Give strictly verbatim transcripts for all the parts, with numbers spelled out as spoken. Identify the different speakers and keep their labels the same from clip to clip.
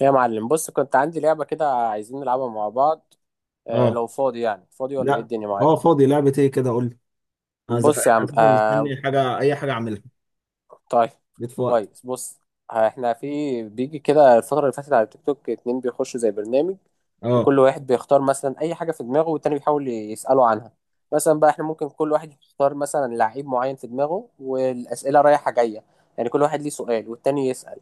Speaker 1: يا معلم بص، كنت عندي لعبة كده عايزين نلعبها مع بعض. آه
Speaker 2: اه.
Speaker 1: لو فاضي، يعني فاضي ولا ايه
Speaker 2: لا.
Speaker 1: الدنيا
Speaker 2: اه،
Speaker 1: معاك؟
Speaker 2: فاضي، لعبة ايه كده؟ قول لي. انا
Speaker 1: بص يا
Speaker 2: زهقان
Speaker 1: عم.
Speaker 2: اساسا،
Speaker 1: آه
Speaker 2: مستني حاجة، اي حاجة اعملها.
Speaker 1: طيب،
Speaker 2: جيت في وقت.
Speaker 1: كويس بص، احنا في بيجي كده الفترة اللي فاتت على التيك توك اتنين بيخشوا زي برنامج،
Speaker 2: اه.
Speaker 1: وكل واحد بيختار مثلا أي حاجة في دماغه والتاني بيحاول يسأله عنها. مثلا بقى احنا ممكن كل واحد يختار مثلا لعيب معين في دماغه، والأسئلة رايحة جاية، يعني كل واحد ليه سؤال والتاني يسأل.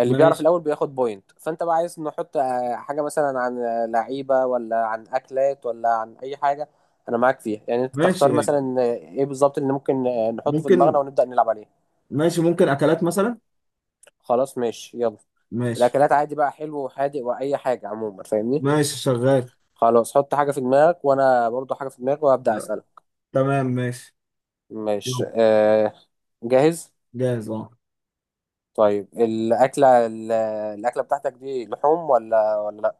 Speaker 1: اللي بيعرف
Speaker 2: ماشي.
Speaker 1: الأول بياخد بوينت، فأنت بقى عايز نحط آه، حاجة مثلا عن آه، لعيبة، ولا عن أكلات، ولا عن أي حاجة؟ أنا معاك فيها، يعني أنت
Speaker 2: ماشي
Speaker 1: تختار
Speaker 2: يعني.
Speaker 1: مثلا آه، إيه بالظبط اللي ممكن آه، نحطه في دماغنا
Speaker 2: ممكن.
Speaker 1: ونبدأ نلعب عليه.
Speaker 2: ماشي، ممكن اكلات مثلا.
Speaker 1: خلاص ماشي يلا.
Speaker 2: ماشي.
Speaker 1: الاكلات عادي بقى، حلو وحادق واي حاجه عموما، فاهمني.
Speaker 2: ماشي شغال.
Speaker 1: خلاص، حط حاجه في دماغك وانا برضو حاجه في دماغي وابدا
Speaker 2: لا.
Speaker 1: اسالك.
Speaker 2: تمام ماشي.
Speaker 1: ماشي.
Speaker 2: يلا.
Speaker 1: آه جاهز؟
Speaker 2: جاهز اه.
Speaker 1: طيب الاكله ال- الاكله بتاعتك دي لحوم ولا ولا لا؟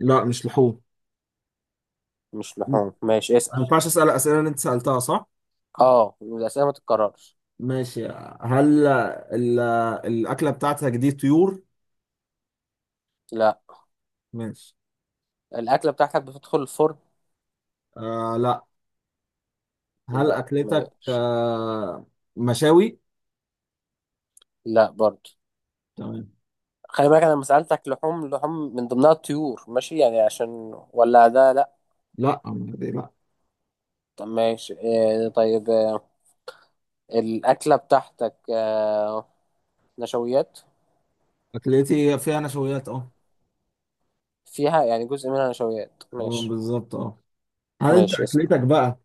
Speaker 2: لا، مش لحوم.
Speaker 1: مش
Speaker 2: م.
Speaker 1: لحوم، ماشي
Speaker 2: ما
Speaker 1: اسال.
Speaker 2: ينفعش اسال الاسئله اللي انت سالتها، صح؟
Speaker 1: اه، الاسئله ما تتكررش.
Speaker 2: ماشي. هل ال... الاكله بتاعتك دي طيور؟
Speaker 1: لا.
Speaker 2: ماشي.
Speaker 1: الاكله بتاعتك بتدخل الفرن؟
Speaker 2: آه لا. هل
Speaker 1: لا ما...
Speaker 2: اكلتك آه مشاوي؟
Speaker 1: لا برضو.
Speaker 2: تمام.
Speaker 1: خلي بالك انا لما سالتك لحوم، لحوم من ضمنها الطيور ماشي؟ يعني عشان، ولا ده لا؟
Speaker 2: لا، دي لا.
Speaker 1: طب ماشي. آه طيب، آه، الأكلة بتاعتك آه، نشويات؟
Speaker 2: اكلتي فيها نشويات اه.
Speaker 1: فيها، يعني جزء منها نشويات،
Speaker 2: اه،
Speaker 1: ماشي.
Speaker 2: بالظبط اه. هل انت
Speaker 1: ماشي اسم.
Speaker 2: اكلتك بقى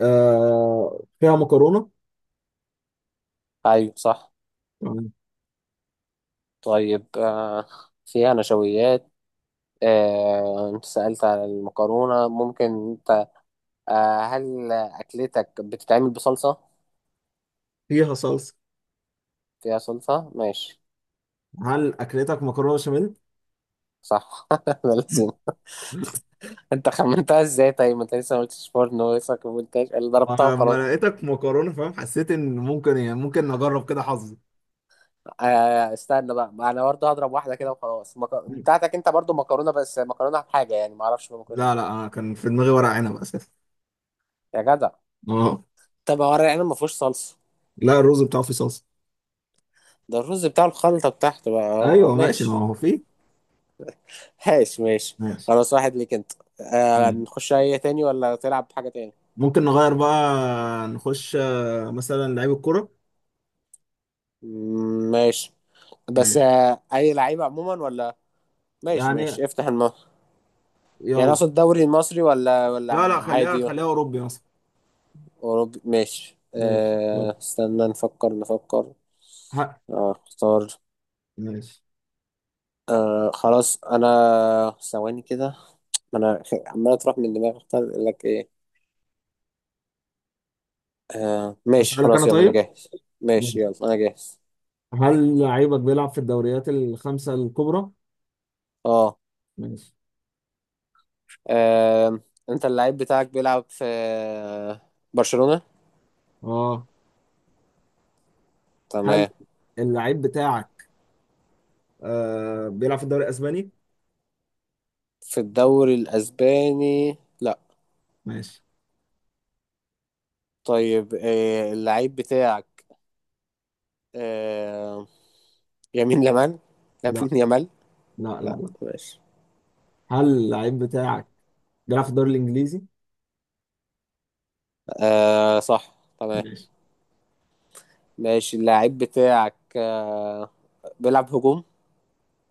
Speaker 2: آه فيها مكرونه؟
Speaker 1: أيوة صح.
Speaker 2: تمام.
Speaker 1: طيب آه، فيها نشويات. آه، أنت سألت على المكرونة، ممكن. أنت آه، هل أكلتك بتتعمل بصلصة؟
Speaker 2: فيها صلصه.
Speaker 1: فيها صلصة، ماشي.
Speaker 2: هل اكلتك مكرونه بشاميل؟
Speaker 1: صح. ده لازم. أنت خمنتها إزاي؟ طيب ما أنت لسه ما قلتش فرن، ولسه ما قلتهاش. اللي ضربتها
Speaker 2: لما
Speaker 1: وخلاص.
Speaker 2: لقيتك مكرونه فاهم، حسيت ان ممكن، يعني ممكن نجرب كده حظي.
Speaker 1: آه استنى بقى، ما انا برضه هضرب واحده كده وخلاص. مك... بتاعتك انت برضه مكرونه، بس مكرونه بحاجه يعني، ما اعرفش مكرونه
Speaker 2: لا، لا،
Speaker 1: ايه.
Speaker 2: انا كان في دماغي ورق عنب اساسا.
Speaker 1: يا جدع.
Speaker 2: اه.
Speaker 1: طب ورق العنب ما فيهوش صلصه؟
Speaker 2: لا، الرز بتاعه فيه صلصه.
Speaker 1: ده الرز بتاع الخلطه بتاعته بقى، اه
Speaker 2: ايوه ماشي، ما
Speaker 1: ماشي
Speaker 2: هو فيه.
Speaker 1: ماشي ماشي.
Speaker 2: ماشي.
Speaker 1: خلاص، واحد ليك انت. آه
Speaker 2: مم.
Speaker 1: نخش اي تاني، ولا تلعب حاجه تاني؟
Speaker 2: ممكن نغير بقى. نخش آه، مثلا لعيب الكرة.
Speaker 1: مم، ماشي. بس
Speaker 2: ماشي
Speaker 1: آه اي لعيبه عموما ولا؟ ماشي
Speaker 2: يعني.
Speaker 1: ماشي افتح الماء. يعني
Speaker 2: يلا.
Speaker 1: اقصد الدوري المصري ولا ولا
Speaker 2: لا، لا، خليها
Speaker 1: عادي؟
Speaker 2: خليها اوروبي مثلا.
Speaker 1: اوروبي، ماشي.
Speaker 2: ماشي يلا.
Speaker 1: آه استنى، نفكر نفكر.
Speaker 2: ه-
Speaker 1: اه اختار.
Speaker 2: ماشي.
Speaker 1: آه خلاص انا ثواني كده. ما انا عمال اطرح من دماغي اختار اقول لك ايه. آه ماشي،
Speaker 2: أسألك
Speaker 1: خلاص
Speaker 2: أنا
Speaker 1: يلا، انا
Speaker 2: طيب.
Speaker 1: جاهز. ماشي
Speaker 2: ماشي.
Speaker 1: يلا انا جاهز.
Speaker 2: هل لعيبك بيلعب في الدوريات الخمسة الكبرى؟
Speaker 1: اه.
Speaker 2: ماشي
Speaker 1: آم، انت اللعيب بتاعك بيلعب في برشلونة؟
Speaker 2: اه. هل
Speaker 1: تمام.
Speaker 2: اللعيب بتاعك آه بيلعب في الدوري الاسباني؟
Speaker 1: في الدوري الاسباني، لا.
Speaker 2: ماشي.
Speaker 1: طيب آه اللعيب بتاعك آه يمين يمال؟
Speaker 2: لا،
Speaker 1: يمين يمال.
Speaker 2: لا، لا،
Speaker 1: لا
Speaker 2: لا.
Speaker 1: ماشي.
Speaker 2: هل اللعيب بتاعك بيلعب في الدوري الانجليزي؟
Speaker 1: آه صح، تمام.
Speaker 2: ماشي.
Speaker 1: ماشي، اللعيب بتاعك آه بيلعب هجوم؟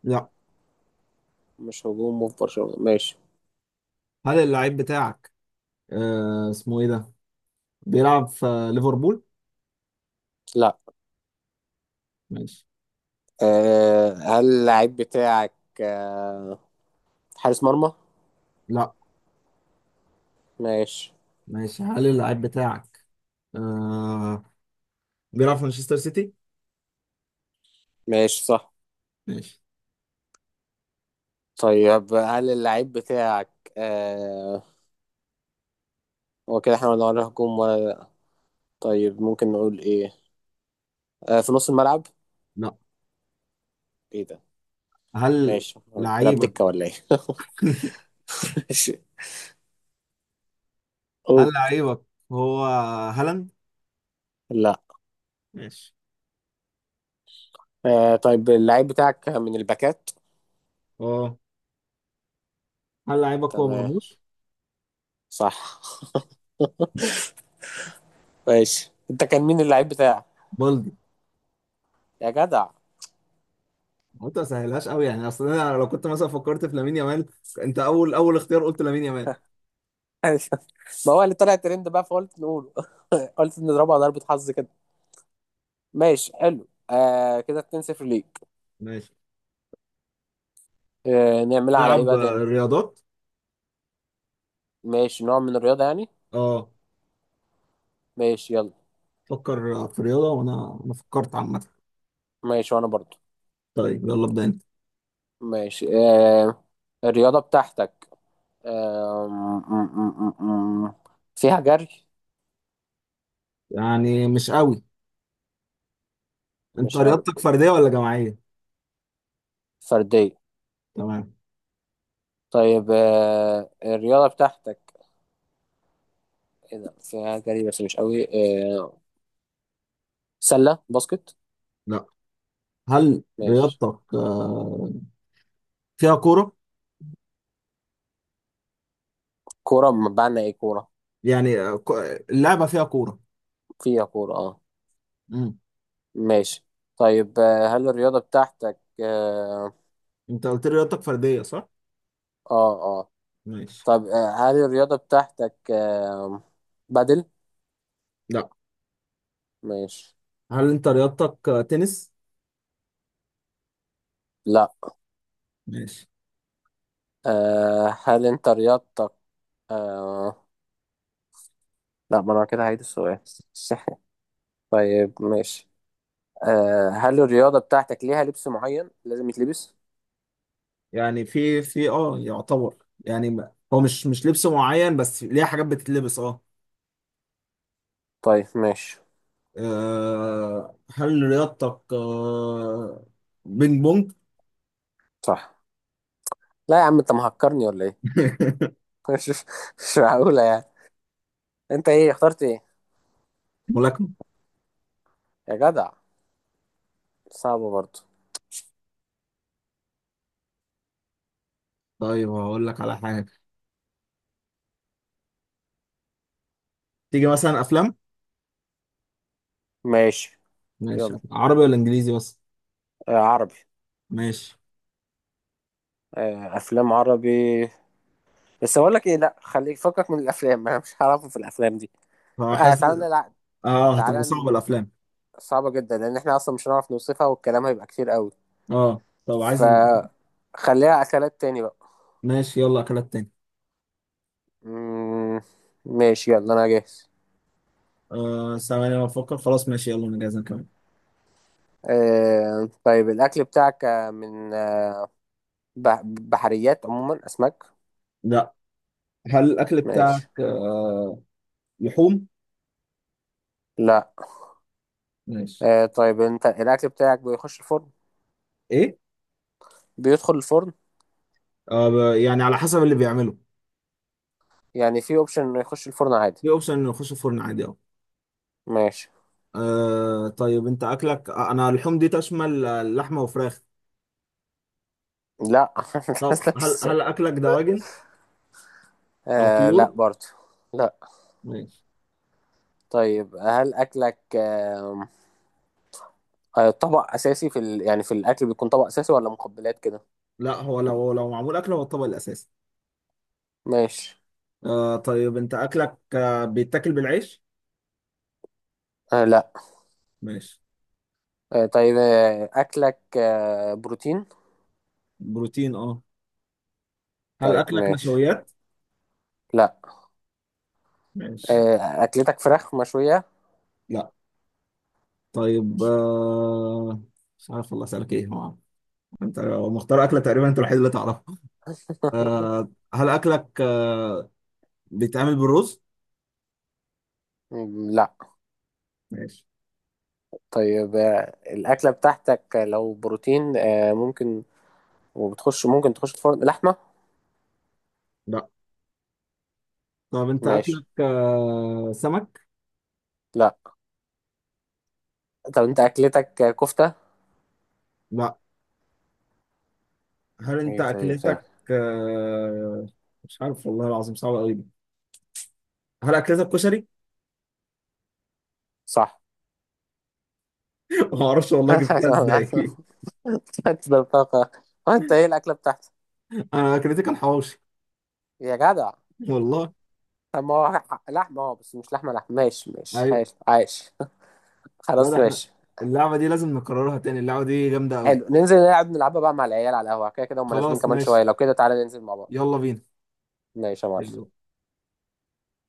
Speaker 2: لا.
Speaker 1: مش هجوم في برشلونة، ماشي.
Speaker 2: هل اللعيب بتاعك، آه اسمه ايه ده، بيلعب في ليفربول؟
Speaker 1: لا،
Speaker 2: ماشي.
Speaker 1: أه هل اللعيب بتاعك أه حارس مرمى؟
Speaker 2: لا.
Speaker 1: ماشي.
Speaker 2: ماشي. هل اللعيب بتاعك آه بيلعب في مانشستر سيتي؟
Speaker 1: ماشي صح.
Speaker 2: ماشي.
Speaker 1: طيب هل اللعيب بتاعك أه هو كده احنا ولا ولا هجوم ولا إيه؟ طيب ممكن نقول ايه، أه في نص الملعب؟
Speaker 2: لا.
Speaker 1: ايه ده؟
Speaker 2: هل
Speaker 1: ماشي، بلعب
Speaker 2: لعيبك
Speaker 1: دكة ولا ايه؟ ماشي،
Speaker 2: هل
Speaker 1: قول.
Speaker 2: لعيبك هو هالاند؟
Speaker 1: لا،
Speaker 2: ماشي.
Speaker 1: أه طيب اللعيب بتاعك من الباكات.
Speaker 2: اه. هل لعيبك هو
Speaker 1: تمام،
Speaker 2: مرموش؟
Speaker 1: صح. ماشي، انت كان مين اللعيب بتاعك؟
Speaker 2: بلدي.
Speaker 1: يا جدع.
Speaker 2: قلت ما سهلهاش قوي، يعني اصل انا لو كنت مثلا فكرت في لامين يامال. انت اول اول اختيار قلت لامين يامال.
Speaker 1: ما هو اللي طلع ترند بقى، فقلت نقول، قلت نضربها ضربة حظ كده. ماشي، حلو. آه كده اتنين صفر ليك.
Speaker 2: ماشي.
Speaker 1: آه نعملها على ايه
Speaker 2: تلعب
Speaker 1: بقى تاني؟
Speaker 2: آه، رياضات؟
Speaker 1: ماشي، نوع من الرياضة يعني.
Speaker 2: اه.
Speaker 1: ماشي يلا.
Speaker 2: فكر في رياضة، وانا انا فكرت عامة.
Speaker 1: ماشي، وانا برضو.
Speaker 2: طيب، يلا، ابدا انت.
Speaker 1: ماشي. آه الرياضة بتاعتك آه م- م- م- م- فيها جري؟
Speaker 2: يعني مش قوي. انت
Speaker 1: مش قوي.
Speaker 2: رياضتك فردية ولا جماعية؟
Speaker 1: فردية.
Speaker 2: تمام.
Speaker 1: طيب آه الرياضة بتاعتك، ايه ده، فيها جري بس مش قوي. آه سلة باسكت؟
Speaker 2: لا. هل
Speaker 1: ماشي.
Speaker 2: رياضتك آه، فيها كورة؟
Speaker 1: كورة بمعنى ايه كورة؟
Speaker 2: يعني آه، ك- اللعبة فيها كورة.
Speaker 1: فيها كورة، اه.
Speaker 2: مم.
Speaker 1: ماشي. طيب آه، هل الرياضة بتاعتك اه؟
Speaker 2: انت قلت لي رياضتك فردية، صح؟
Speaker 1: اه. آه.
Speaker 2: ماشي.
Speaker 1: طب آه، هل الرياضة بتاعتك آه بدل؟
Speaker 2: لا.
Speaker 1: ماشي.
Speaker 2: هل انت رياضتك آه، تنس؟
Speaker 1: لا،
Speaker 2: ماشي.
Speaker 1: آه هل انت رياضتك آه؟ لا، ما انا كده هعيد السؤال. طيب ماشي. آه هل الرياضة بتاعتك ليها لبس معين لازم يتلبس؟
Speaker 2: يعني في في اه يعتبر، يعني ما- هو مش مش لبس معين، بس ليه حاجات بتتلبس اه.
Speaker 1: طيب ماشي.
Speaker 2: آه، هل رياضتك آه، بينج بونج؟
Speaker 1: صح؟ لا يا عم، انت مهكرني ولا ايه؟ مش مش معقولة يعني. انت ايه، اخترت ايه؟
Speaker 2: ملاكمة؟
Speaker 1: يا جدع، صعبة برضه.
Speaker 2: طيب، هقول لك على حاجة. تيجي مثلا أفلام؟
Speaker 1: ماشي
Speaker 2: ماشي.
Speaker 1: يلا.
Speaker 2: عربي ولا إنجليزي بس؟
Speaker 1: آه عربي.
Speaker 2: ماشي.
Speaker 1: آه، افلام عربي، بس اقول لك ايه، لا خليك فكك من الافلام، انا مش هعرفه في الافلام دي. آه تعالى
Speaker 2: فحاسس.
Speaker 1: نلعب.
Speaker 2: اه، هتبقى
Speaker 1: تعالى
Speaker 2: صعبة
Speaker 1: ن-
Speaker 2: الأفلام.
Speaker 1: صعبه جدا، لان احنا اصلا مش هنعرف نوصفها والكلام هيبقى كتير قوي.
Speaker 2: اه، طب عايز.
Speaker 1: فخليها اكلات تاني بقى.
Speaker 2: ماشي يلا، أكلات تاني.
Speaker 1: مم. ماشي يلا، انا جاهز.
Speaker 2: آه ثواني أنا بفكر. خلاص ماشي يلا، أنا جاهز، أنا كمان.
Speaker 1: آه... طيب الاكل بتاعك آه، من آه، بح... بحريات عموما، اسماك؟
Speaker 2: لا. هل الأكل بتاعك
Speaker 1: ماشي.
Speaker 2: آه، لحوم؟
Speaker 1: لا.
Speaker 2: ماشي.
Speaker 1: آه... طيب انت الاكل بتاعك بيخش الفرن؟
Speaker 2: إيه؟
Speaker 1: بيدخل الفرن.
Speaker 2: آه ب- يعني على حسب اللي بيعمله.
Speaker 1: يعني في اوبشن انه يخش الفرن عادي.
Speaker 2: في أوبشن إنه يخش الفرن عادي أهو.
Speaker 1: ماشي.
Speaker 2: آه طيب، أنت أكلك، آه، أنا اللحوم دي تشمل آه، لحمة وفراخ؟
Speaker 1: لا.
Speaker 2: طب
Speaker 1: نفس
Speaker 2: هل
Speaker 1: السؤال.
Speaker 2: هل أكلك دواجن أو
Speaker 1: آه
Speaker 2: طيور؟
Speaker 1: لا برضو. لا.
Speaker 2: ماشي.
Speaker 1: طيب هل اكلك آه آه، طبق اساسي في ال... يعني في الاكل بيكون طبق اساسي ولا مقبلات كده؟
Speaker 2: لا، هو لو لو معمول أكل هو الطبق الأساسي.
Speaker 1: ماشي.
Speaker 2: آه طيب، أنت أكلك آه، بيتاكل بالعيش؟
Speaker 1: آه لا.
Speaker 2: ماشي.
Speaker 1: آه طيب آه اكلك آه بروتين.
Speaker 2: بروتين أه. هل
Speaker 1: طيب
Speaker 2: أكلك
Speaker 1: ماشي.
Speaker 2: نشويات؟
Speaker 1: لا.
Speaker 2: ماشي.
Speaker 1: آه اكلتك فراخ مشوية؟
Speaker 2: لا. طيب،
Speaker 1: مش
Speaker 2: آه مش عارف والله، أسألك إيه هو. انت لو مختار اكله، تقريبا انت الوحيد اللي تعرفها. آه هل اكلك آه، بيتعمل بالرز؟
Speaker 1: م- لا.
Speaker 2: ماشي.
Speaker 1: طيب آه الاكلة بتاعتك لو بروتين آه ممكن، وبتخش، ممكن تخش الفرن، لحمة؟
Speaker 2: لا. طب انت اكلك
Speaker 1: ماشي.
Speaker 2: آه سمك؟
Speaker 1: لا. طب انت اكلتك كفتة؟
Speaker 2: لا. هل انت
Speaker 1: ايه طيب طيب.
Speaker 2: اكلتك آه مش عارف والله العظيم، صعب قوي دي. هل اكلتك كشري؟
Speaker 1: صح.
Speaker 2: ما اعرفش والله جبتها ازاي.
Speaker 1: تبدل طاقة. وانت ايه الأكلة بتاعتك؟
Speaker 2: انا اكلتي كان حواوشي.
Speaker 1: يا جدع.
Speaker 2: والله.
Speaker 1: طب ما هو ح- لحمة اه بس مش لحمة لحمة. ماشي ماشي
Speaker 2: ايوه.
Speaker 1: ماشي عايش.
Speaker 2: لا، ده
Speaker 1: خلاص
Speaker 2: احنا
Speaker 1: ماشي.
Speaker 2: اللعبه دي لازم نكررها تاني، اللعبه دي جامده قوي.
Speaker 1: حلو، ننزل نلعب، نلعبها بقى مع العيال على القهوة، كده كده هم نازلين
Speaker 2: خلاص
Speaker 1: كمان شوية،
Speaker 2: ماشي.
Speaker 1: لو كده تعالى ننزل مع بعض.
Speaker 2: يلا.
Speaker 1: ماشي يا معلم.
Speaker 2: بينا.